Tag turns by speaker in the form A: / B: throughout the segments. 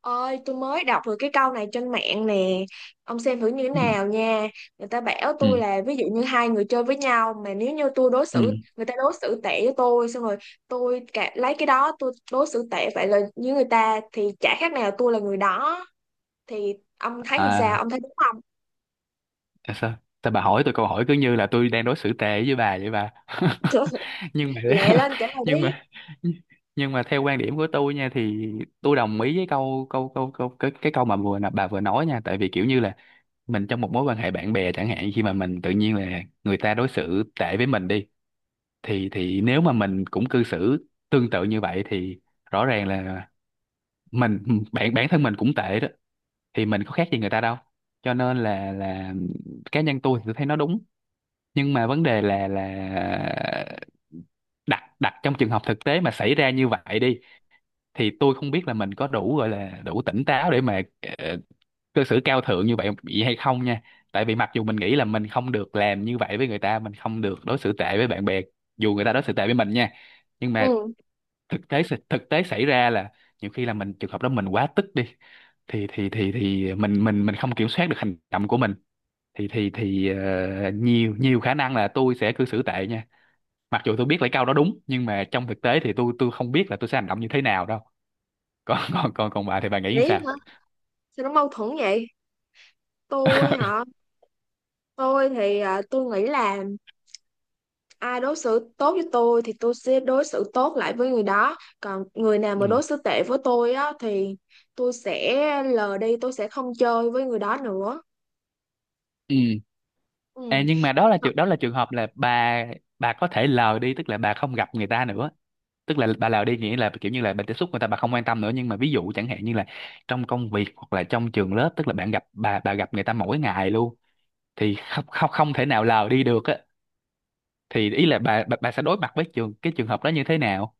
A: Ôi, tôi mới đọc được cái câu này trên mạng nè. Ông xem thử như thế
B: Ừ.
A: nào nha. Người ta bảo
B: Ừ.
A: tôi là ví dụ như hai người chơi với nhau mà nếu như tôi đối
B: Ừ.
A: xử người ta đối xử tệ với tôi xong rồi tôi cả, lấy cái đó tôi đối xử tệ vậy là như người ta thì chả khác nào tôi là người đó. Thì ông thấy như sao?
B: À,
A: Ông thấy đúng không?
B: là sao? Sao bà hỏi tôi câu hỏi cứ như là tôi đang đối xử tệ với bà vậy, bà?
A: Trời ơi,
B: Nhưng mà
A: lẹ lên trả lời
B: nhưng
A: đi.
B: mà nhưng mà theo quan điểm của tôi nha, thì tôi đồng ý với câu câu câu câu cái câu mà bà vừa nói nha, tại vì kiểu như là mình trong một mối quan hệ bạn bè chẳng hạn, khi mà mình tự nhiên là người ta đối xử tệ với mình đi, thì nếu mà mình cũng cư xử tương tự như vậy thì rõ ràng là mình, bản bản thân mình cũng tệ đó, thì mình có khác gì người ta đâu. Cho nên là cá nhân tôi thì tôi thấy nó đúng. Nhưng mà vấn đề là đặt đặt trong trường hợp thực tế mà xảy ra như vậy đi, thì tôi không biết là mình có đủ, gọi là đủ tỉnh táo để mà ờ, cư xử cao thượng như vậy bị hay không nha. Tại vì mặc dù mình nghĩ là mình không được làm như vậy với người ta, mình không được đối xử tệ với bạn bè dù người ta đối xử tệ với mình nha, nhưng mà
A: Ừ,
B: thực tế, thực tế xảy ra là nhiều khi là mình trường hợp đó mình quá tức đi, thì mình không kiểm soát được hành động của mình. Thì nhiều nhiều khả năng là tôi sẽ cư xử tệ nha. Mặc dù tôi biết lấy câu đó đúng nhưng mà trong thực tế thì tôi không biết là tôi sẽ hành động như thế nào đâu. Còn còn còn còn bà thì bà nghĩ sao?
A: đấy hả? Sao nó mâu thuẫn vậy? Tôi hả? Tôi thì tôi nghĩ là ai đối xử tốt với tôi thì tôi sẽ đối xử tốt lại với người đó, còn người nào
B: Ừ.
A: mà đối xử tệ với tôi á thì tôi sẽ lờ đi, tôi sẽ không chơi với người đó nữa,
B: Ừ. À,
A: ừ.
B: nhưng mà đó là trường hợp là bà có thể lờ đi, tức là bà không gặp người ta nữa, tức là bà lờ đi nghĩa là kiểu như là bà tiếp xúc người ta bà không quan tâm nữa. Nhưng mà ví dụ chẳng hạn như là trong công việc hoặc là trong trường lớp, tức là bạn gặp bà gặp người ta mỗi ngày luôn, thì không không không thể nào lờ đi được á. Thì ý là bà, bà sẽ đối mặt với cái trường hợp đó như thế nào?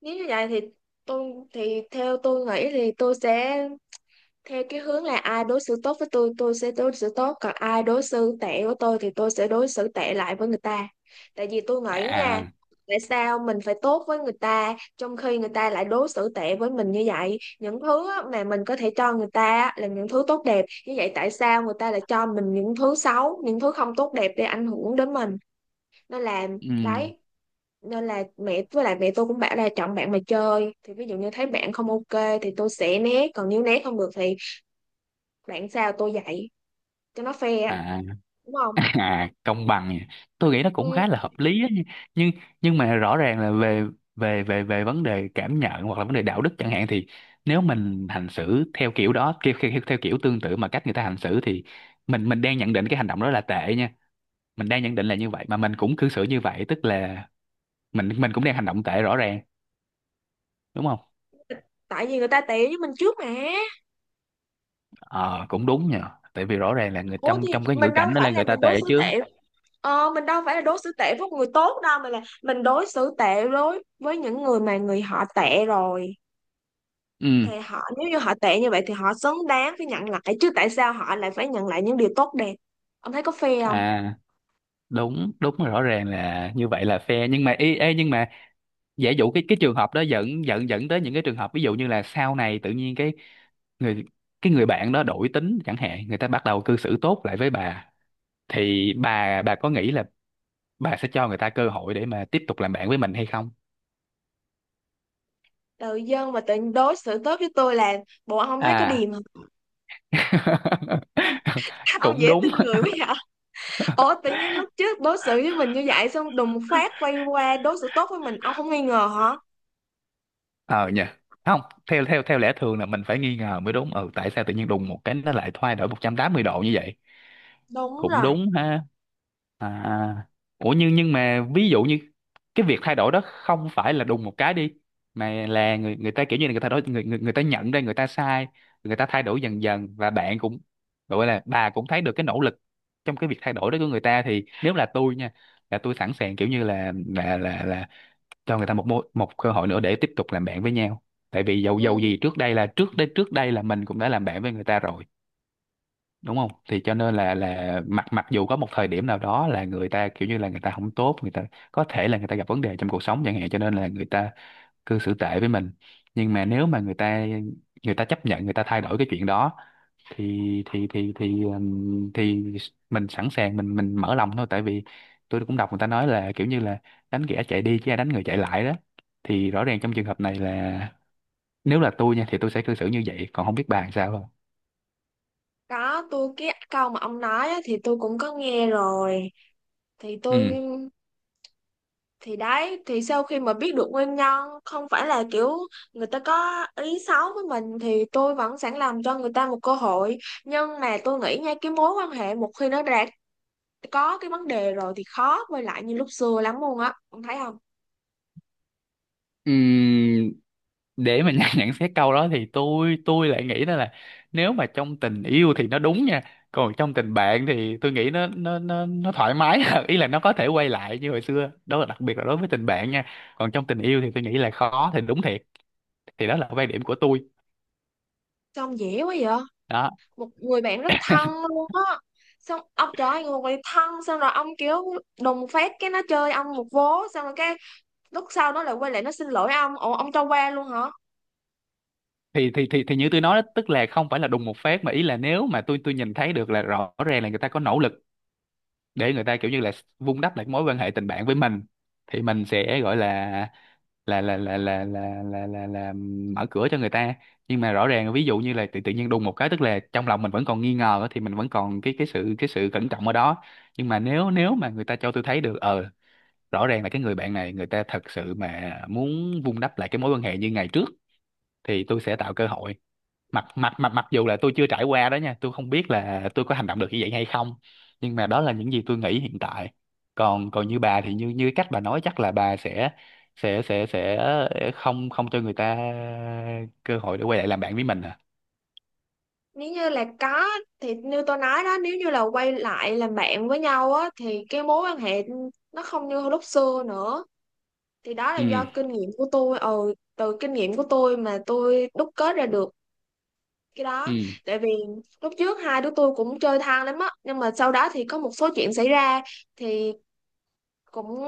A: Nếu như vậy thì tôi thì theo tôi nghĩ thì tôi sẽ theo cái hướng là ai đối xử tốt với tôi sẽ đối xử tốt, còn ai đối xử tệ với tôi thì tôi sẽ đối xử tệ lại với người ta. Tại vì tôi nghĩ nha,
B: À.
A: tại sao mình phải tốt với người ta trong khi người ta lại đối xử tệ với mình như vậy, những thứ á, mà mình có thể cho người ta á, là những thứ tốt đẹp như vậy, tại sao người ta lại cho mình những thứ xấu, những thứ không tốt đẹp để ảnh hưởng đến mình, nên là
B: Ừ.
A: đấy. Nên là mẹ với lại mẹ tôi cũng bảo là chọn bạn mà chơi, thì ví dụ như thấy bạn không ok thì tôi sẽ né, còn nếu né không được thì bạn sao tôi dạy, cho nó fair,
B: À,
A: đúng không?
B: à công bằng nhỉ. Tôi nghĩ nó cũng
A: Ừ,
B: khá là hợp lý á. Nhưng mà rõ ràng là về về về về vấn đề cảm nhận hoặc là vấn đề đạo đức chẳng hạn, thì nếu mình hành xử theo kiểu đó, theo kiểu tương tự mà cách người ta hành xử, thì mình đang nhận định cái hành động đó là tệ nha. Mình đang nhận định là như vậy mà mình cũng cư xử như vậy, tức là mình cũng đang hành động tệ rõ ràng, đúng không?
A: tại vì người ta tệ với mình trước mà.
B: Ờ, cũng đúng nhờ. Tại vì rõ ràng là người
A: Ủa
B: trong
A: thì
B: trong cái ngữ
A: mình đâu
B: cảnh đó
A: phải
B: là
A: là
B: người ta
A: mình đối
B: tệ
A: xử
B: chứ.
A: tệ. Ờ, mình đâu phải là đối xử tệ với người tốt đâu, mà là mình đối xử tệ đối với những người mà người họ tệ rồi.
B: Ừ.
A: Thì họ, nếu như họ tệ như vậy thì họ xứng đáng phải nhận lại chứ, tại sao họ lại phải nhận lại những điều tốt đẹp? Ông thấy có fair không?
B: À, đúng đúng rồi, rõ ràng là như vậy là fair. Nhưng mà ê, nhưng mà giả dụ cái trường hợp đó dẫn dẫn dẫn tới những cái trường hợp, ví dụ như là sau này tự nhiên cái người, người bạn đó đổi tính chẳng hạn, người ta bắt đầu cư xử tốt lại với bà, thì bà có nghĩ là bà sẽ cho người ta cơ hội để mà tiếp tục làm bạn với mình hay không?
A: Tự dưng mà tự đối xử tốt với tôi là bộ ông thấy có
B: À.
A: điềm không? Ông
B: Cũng
A: dễ
B: đúng.
A: tin người quá vậy. Ủa tự nhiên lúc trước đối xử với mình như vậy xong đùng một phát quay qua đối xử tốt với mình, ông không nghi ngờ hả?
B: Ờ nhỉ. Không, theo theo theo lẽ thường là mình phải nghi ngờ mới đúng. Ừ, tại sao tự nhiên đùng một cái nó lại thay đổi 180 độ như vậy?
A: Đúng
B: Cũng
A: rồi.
B: đúng ha. À, ủa nhưng mà ví dụ như cái việc thay đổi đó không phải là đùng một cái đi, mà là người người ta kiểu như là người ta đổi, người người người ta nhận ra người ta sai, người ta thay đổi dần dần, và bạn cũng, gọi là bà cũng thấy được cái nỗ lực trong cái việc thay đổi đó của người ta, thì nếu là tôi nha, là tôi sẵn sàng, kiểu như là cho người ta một mối, một cơ hội nữa để tiếp tục làm bạn với nhau. Tại vì dầu dầu
A: Ừ.
B: gì trước đây là trước đây, là mình cũng đã làm bạn với người ta rồi, đúng không? Thì cho nên là mặc mặc dù có một thời điểm nào đó là người ta kiểu như là người ta không tốt, người ta có thể là người ta gặp vấn đề trong cuộc sống chẳng hạn, cho nên là người ta cư xử tệ với mình. Nhưng mà nếu mà người ta chấp nhận, người ta thay đổi cái chuyện đó, thì thì mình sẵn sàng, mình mở lòng thôi. Tại vì tôi cũng đọc người ta nói là kiểu như là đánh kẻ chạy đi chứ ai đánh người chạy lại đó. Thì rõ ràng trong trường hợp này là nếu là tôi nha thì tôi sẽ cư xử như vậy. Còn không biết bà làm sao không?
A: Có tôi cái câu mà ông nói á, thì tôi cũng có nghe rồi. Thì tôi thì đấy, thì sau khi mà biết được nguyên nhân không phải là kiểu người ta có ý xấu với mình thì tôi vẫn sẵn làm cho người ta một cơ hội. Nhưng mà tôi nghĩ nha, cái mối quan hệ một khi nó đã có cái vấn đề rồi thì khó quay lại như lúc xưa lắm luôn á. Ông thấy không?
B: Ừ, để mà nhận xét câu đó thì tôi lại nghĩ đó là nếu mà trong tình yêu thì nó đúng nha, còn trong tình bạn thì tôi nghĩ nó thoải mái ý là nó có thể quay lại như hồi xưa đó, là đặc biệt là đối với tình bạn nha. Còn trong tình yêu thì tôi nghĩ là khó thì đúng thiệt. Thì đó là quan điểm của tôi.
A: Sao ông dễ quá vậy?
B: Đó,
A: Một người bạn rất thân luôn á, xong ông trời ơi người bạn thân, xong rồi ông kiểu đùng phát cái nó chơi ông một vố, xong rồi cái lúc sau nó lại quay lại nó xin lỗi ông, ủa ông cho qua luôn hả?
B: thì như tôi nói đó, tức là không phải là đùng một phát, mà ý là nếu mà tôi, nhìn thấy được là rõ ràng là người ta có nỗ lực để người ta kiểu như là vun đắp lại cái mối quan hệ tình bạn với mình, thì mình sẽ gọi là là mở cửa cho người ta. Nhưng mà rõ ràng ví dụ như là tự tự nhiên đùng một cái, tức là trong lòng mình vẫn còn nghi ngờ á, thì mình vẫn còn cái sự, cẩn trọng ở đó. Nhưng mà nếu nếu mà người ta cho tôi thấy được, ờ, rõ ràng là cái người bạn này người ta thật sự mà muốn vun đắp lại cái mối quan hệ như ngày trước, thì tôi sẽ tạo cơ hội. Mặc mặc mặc mặc dù là tôi chưa trải qua đó nha, tôi không biết là tôi có hành động được như vậy hay không, nhưng mà đó là những gì tôi nghĩ hiện tại. Còn còn như bà thì như như cách bà nói chắc là bà sẽ sẽ không, cho người ta cơ hội để quay lại làm bạn với mình à?
A: Nếu như là có thì như tôi nói đó, nếu như là quay lại làm bạn với nhau á thì cái mối quan hệ nó không như lúc xưa nữa. Thì đó là
B: Ừ.
A: do kinh nghiệm của tôi, ừ, từ kinh nghiệm của tôi mà tôi đúc kết ra được cái đó.
B: Ừ.
A: Tại vì lúc trước hai đứa tôi cũng chơi thân lắm á, nhưng mà sau đó thì có một số chuyện xảy ra, thì cũng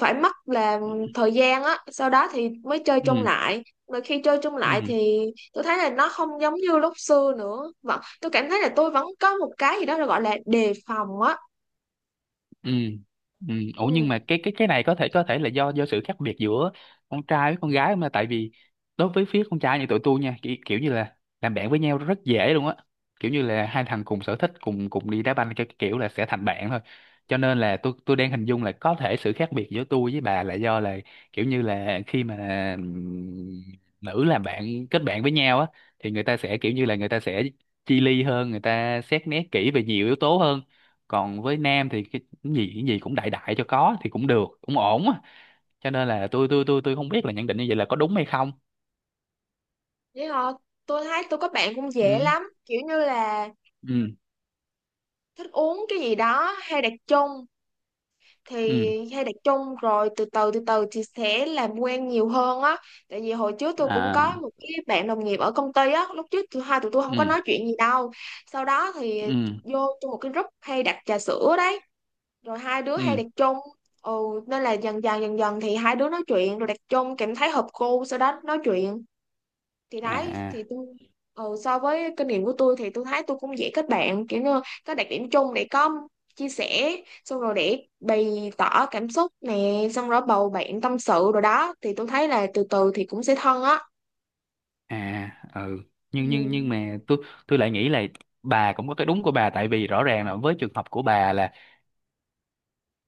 A: phải mất là thời gian á, sau đó thì mới chơi chung
B: Ừ.
A: lại, mà khi chơi chung
B: Ừ.
A: lại thì tôi thấy là nó không giống như lúc xưa nữa, vẫn tôi cảm thấy là tôi vẫn có một cái gì đó gọi là đề phòng á.
B: Ừ. Ừ. Ủa nhưng
A: Ừ,
B: mà cái này có thể, là do sự khác biệt giữa con trai với con gái không ta? Tại vì đối với phía con trai như tụi tôi nha, kiểu như là làm bạn với nhau rất dễ luôn á, kiểu như là hai thằng cùng sở thích, cùng cùng đi đá banh, cái kiểu là sẽ thành bạn thôi. Cho nên là tôi đang hình dung là có thể sự khác biệt giữa tôi với bà là do là kiểu như là khi mà, ừm, nữ làm bạn, kết bạn với nhau á, thì người ta sẽ kiểu như là người ta sẽ chi ly hơn, người ta xét nét kỹ về nhiều yếu tố hơn. Còn với nam thì cái, cái gì cũng đại, cho có thì cũng được, cũng ổn á. Cho nên là tôi không biết là nhận định như vậy là có đúng hay không.
A: vậy thôi. Tôi thấy tôi có bạn cũng dễ
B: Ừ.
A: lắm, kiểu như là
B: Ừ.
A: thích uống cái gì đó hay đặt chung, thì
B: Ừ.
A: hay đặt chung rồi từ từ thì sẽ làm quen nhiều hơn á. Tại vì hồi trước tôi cũng có
B: À.
A: một cái bạn đồng nghiệp ở công ty á, lúc trước tụi tôi không có
B: Ừ.
A: nói chuyện gì đâu, sau đó thì
B: Ừ.
A: vô trong một cái group hay đặt trà sữa đấy, rồi hai đứa hay
B: Ừ.
A: đặt chung, ừ, nên là dần dần thì hai đứa nói chuyện rồi đặt chung cảm thấy hợp cô, sau đó nói chuyện. Thì đấy
B: À.
A: thì tôi so với kinh nghiệm của tôi thì tôi thấy tôi cũng dễ kết bạn, kiểu như có đặc điểm chung để có chia sẻ, xong rồi để bày tỏ cảm xúc nè, xong rồi bầu bạn tâm sự rồi đó, thì tôi thấy là từ từ thì cũng sẽ thân á.
B: À. Ừ. Nhưng
A: Ừ.
B: mà tôi lại nghĩ là bà cũng có cái đúng của bà. Tại vì rõ ràng là với trường hợp của bà là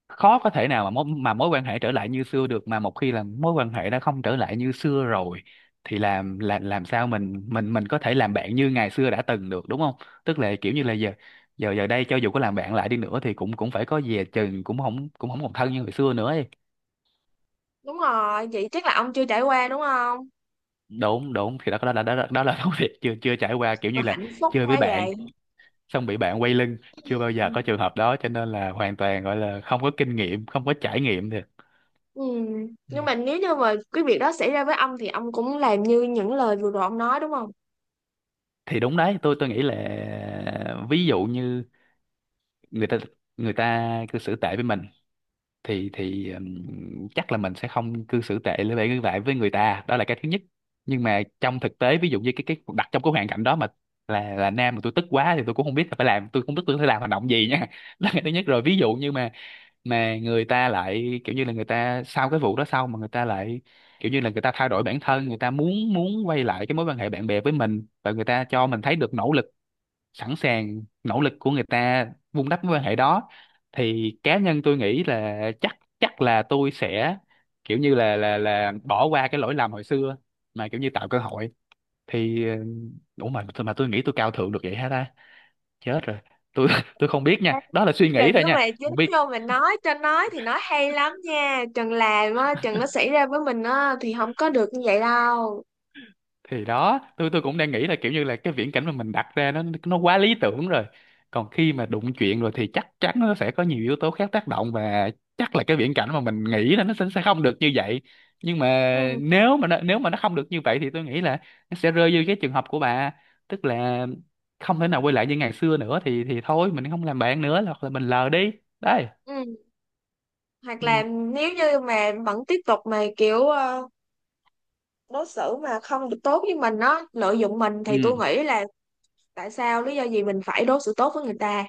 B: khó có thể nào mà mối quan hệ trở lại như xưa được. Mà một khi là mối quan hệ đã không trở lại như xưa rồi thì làm sao mình có thể làm bạn như ngày xưa đã từng được, đúng không? Tức là kiểu như là giờ giờ giờ đây cho dù có làm bạn lại đi nữa thì cũng, phải có dè chừng, cũng không, còn thân như hồi xưa nữa ấy.
A: Đúng rồi, vậy chắc là ông chưa trải qua đúng không,
B: Đúng. Thì đó, đó là công việc chưa chưa trải qua, kiểu
A: mà
B: như là
A: hạnh phúc
B: chơi với
A: quá
B: bạn
A: vậy.
B: xong bị bạn quay lưng chưa bao giờ có trường hợp đó, cho nên là hoàn toàn gọi là không có kinh nghiệm, không có trải nghiệm thì.
A: Ừ. Nhưng mà nếu như mà cái việc đó xảy ra với ông thì ông cũng làm như những lời vừa rồi ông nói đúng không?
B: Thì đúng đấy, tôi nghĩ là ví dụ như người ta người ta cư xử tệ với mình, thì chắc là mình sẽ không cư xử tệ với lại lại với người ta, đó là cái thứ nhất. Nhưng mà trong thực tế ví dụ như cái đặt trong cái hoàn cảnh đó mà là nam mà tôi tức quá thì tôi cũng không biết là phải làm, tôi không biết tôi phải làm hành động gì nha đó là cái thứ nhất rồi. Ví dụ như mà người ta lại kiểu như là người ta sau cái vụ đó, sau mà người ta lại kiểu như là người ta thay đổi bản thân, người ta muốn, quay lại cái mối quan hệ bạn bè với mình và người ta cho mình thấy được nỗ lực, sẵn sàng nỗ lực của người ta vun đắp mối quan hệ đó, thì cá nhân tôi nghĩ là chắc chắc là tôi sẽ kiểu như là bỏ qua cái lỗi lầm hồi xưa, mà kiểu như tạo cơ hội. Thì ừ, ủa mà tôi nghĩ tôi cao thượng được vậy hả ta? Chết rồi. Tôi tôi không biết nha, đó là suy nghĩ
A: Trần
B: thôi
A: cứ
B: nha.
A: mày dính vô mà nói, cho nói thì nói hay lắm nha Trần, làm á Trần, nó xảy ra với mình á thì không có được như vậy đâu.
B: Thì đó, tôi cũng đang nghĩ là kiểu như là cái viễn cảnh mà mình đặt ra nó quá lý tưởng rồi. Còn khi mà đụng chuyện rồi thì chắc chắn nó sẽ có nhiều yếu tố khác tác động, và chắc là cái viễn cảnh mà mình nghĩ là nó sẽ không được như vậy. Nhưng mà
A: Ừ,
B: nếu mà nó không được như vậy thì tôi nghĩ là nó sẽ rơi vô cái trường hợp của bà, tức là không thể nào quay lại như ngày xưa nữa, thì thôi mình không làm bạn nữa hoặc là mình lờ đi. Đấy.
A: ừ. Hoặc là
B: Ừ.
A: nếu như mà vẫn tiếp tục mà kiểu đối xử mà không được tốt với mình á, lợi dụng mình,
B: Ừ.
A: thì tôi nghĩ là tại sao, lý do gì mình phải đối xử tốt với người ta,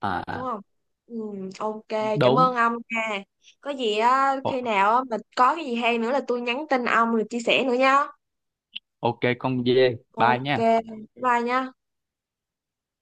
B: À,
A: đúng
B: à,
A: không? Ừ, ok, cảm ơn
B: đúng.
A: ông nha. Có gì á,
B: Ồ,
A: khi nào á mình có cái gì hay nữa là tôi nhắn tin ông rồi chia sẻ nữa nha.
B: ok con dê bye
A: Ok,
B: nha.
A: bye nha.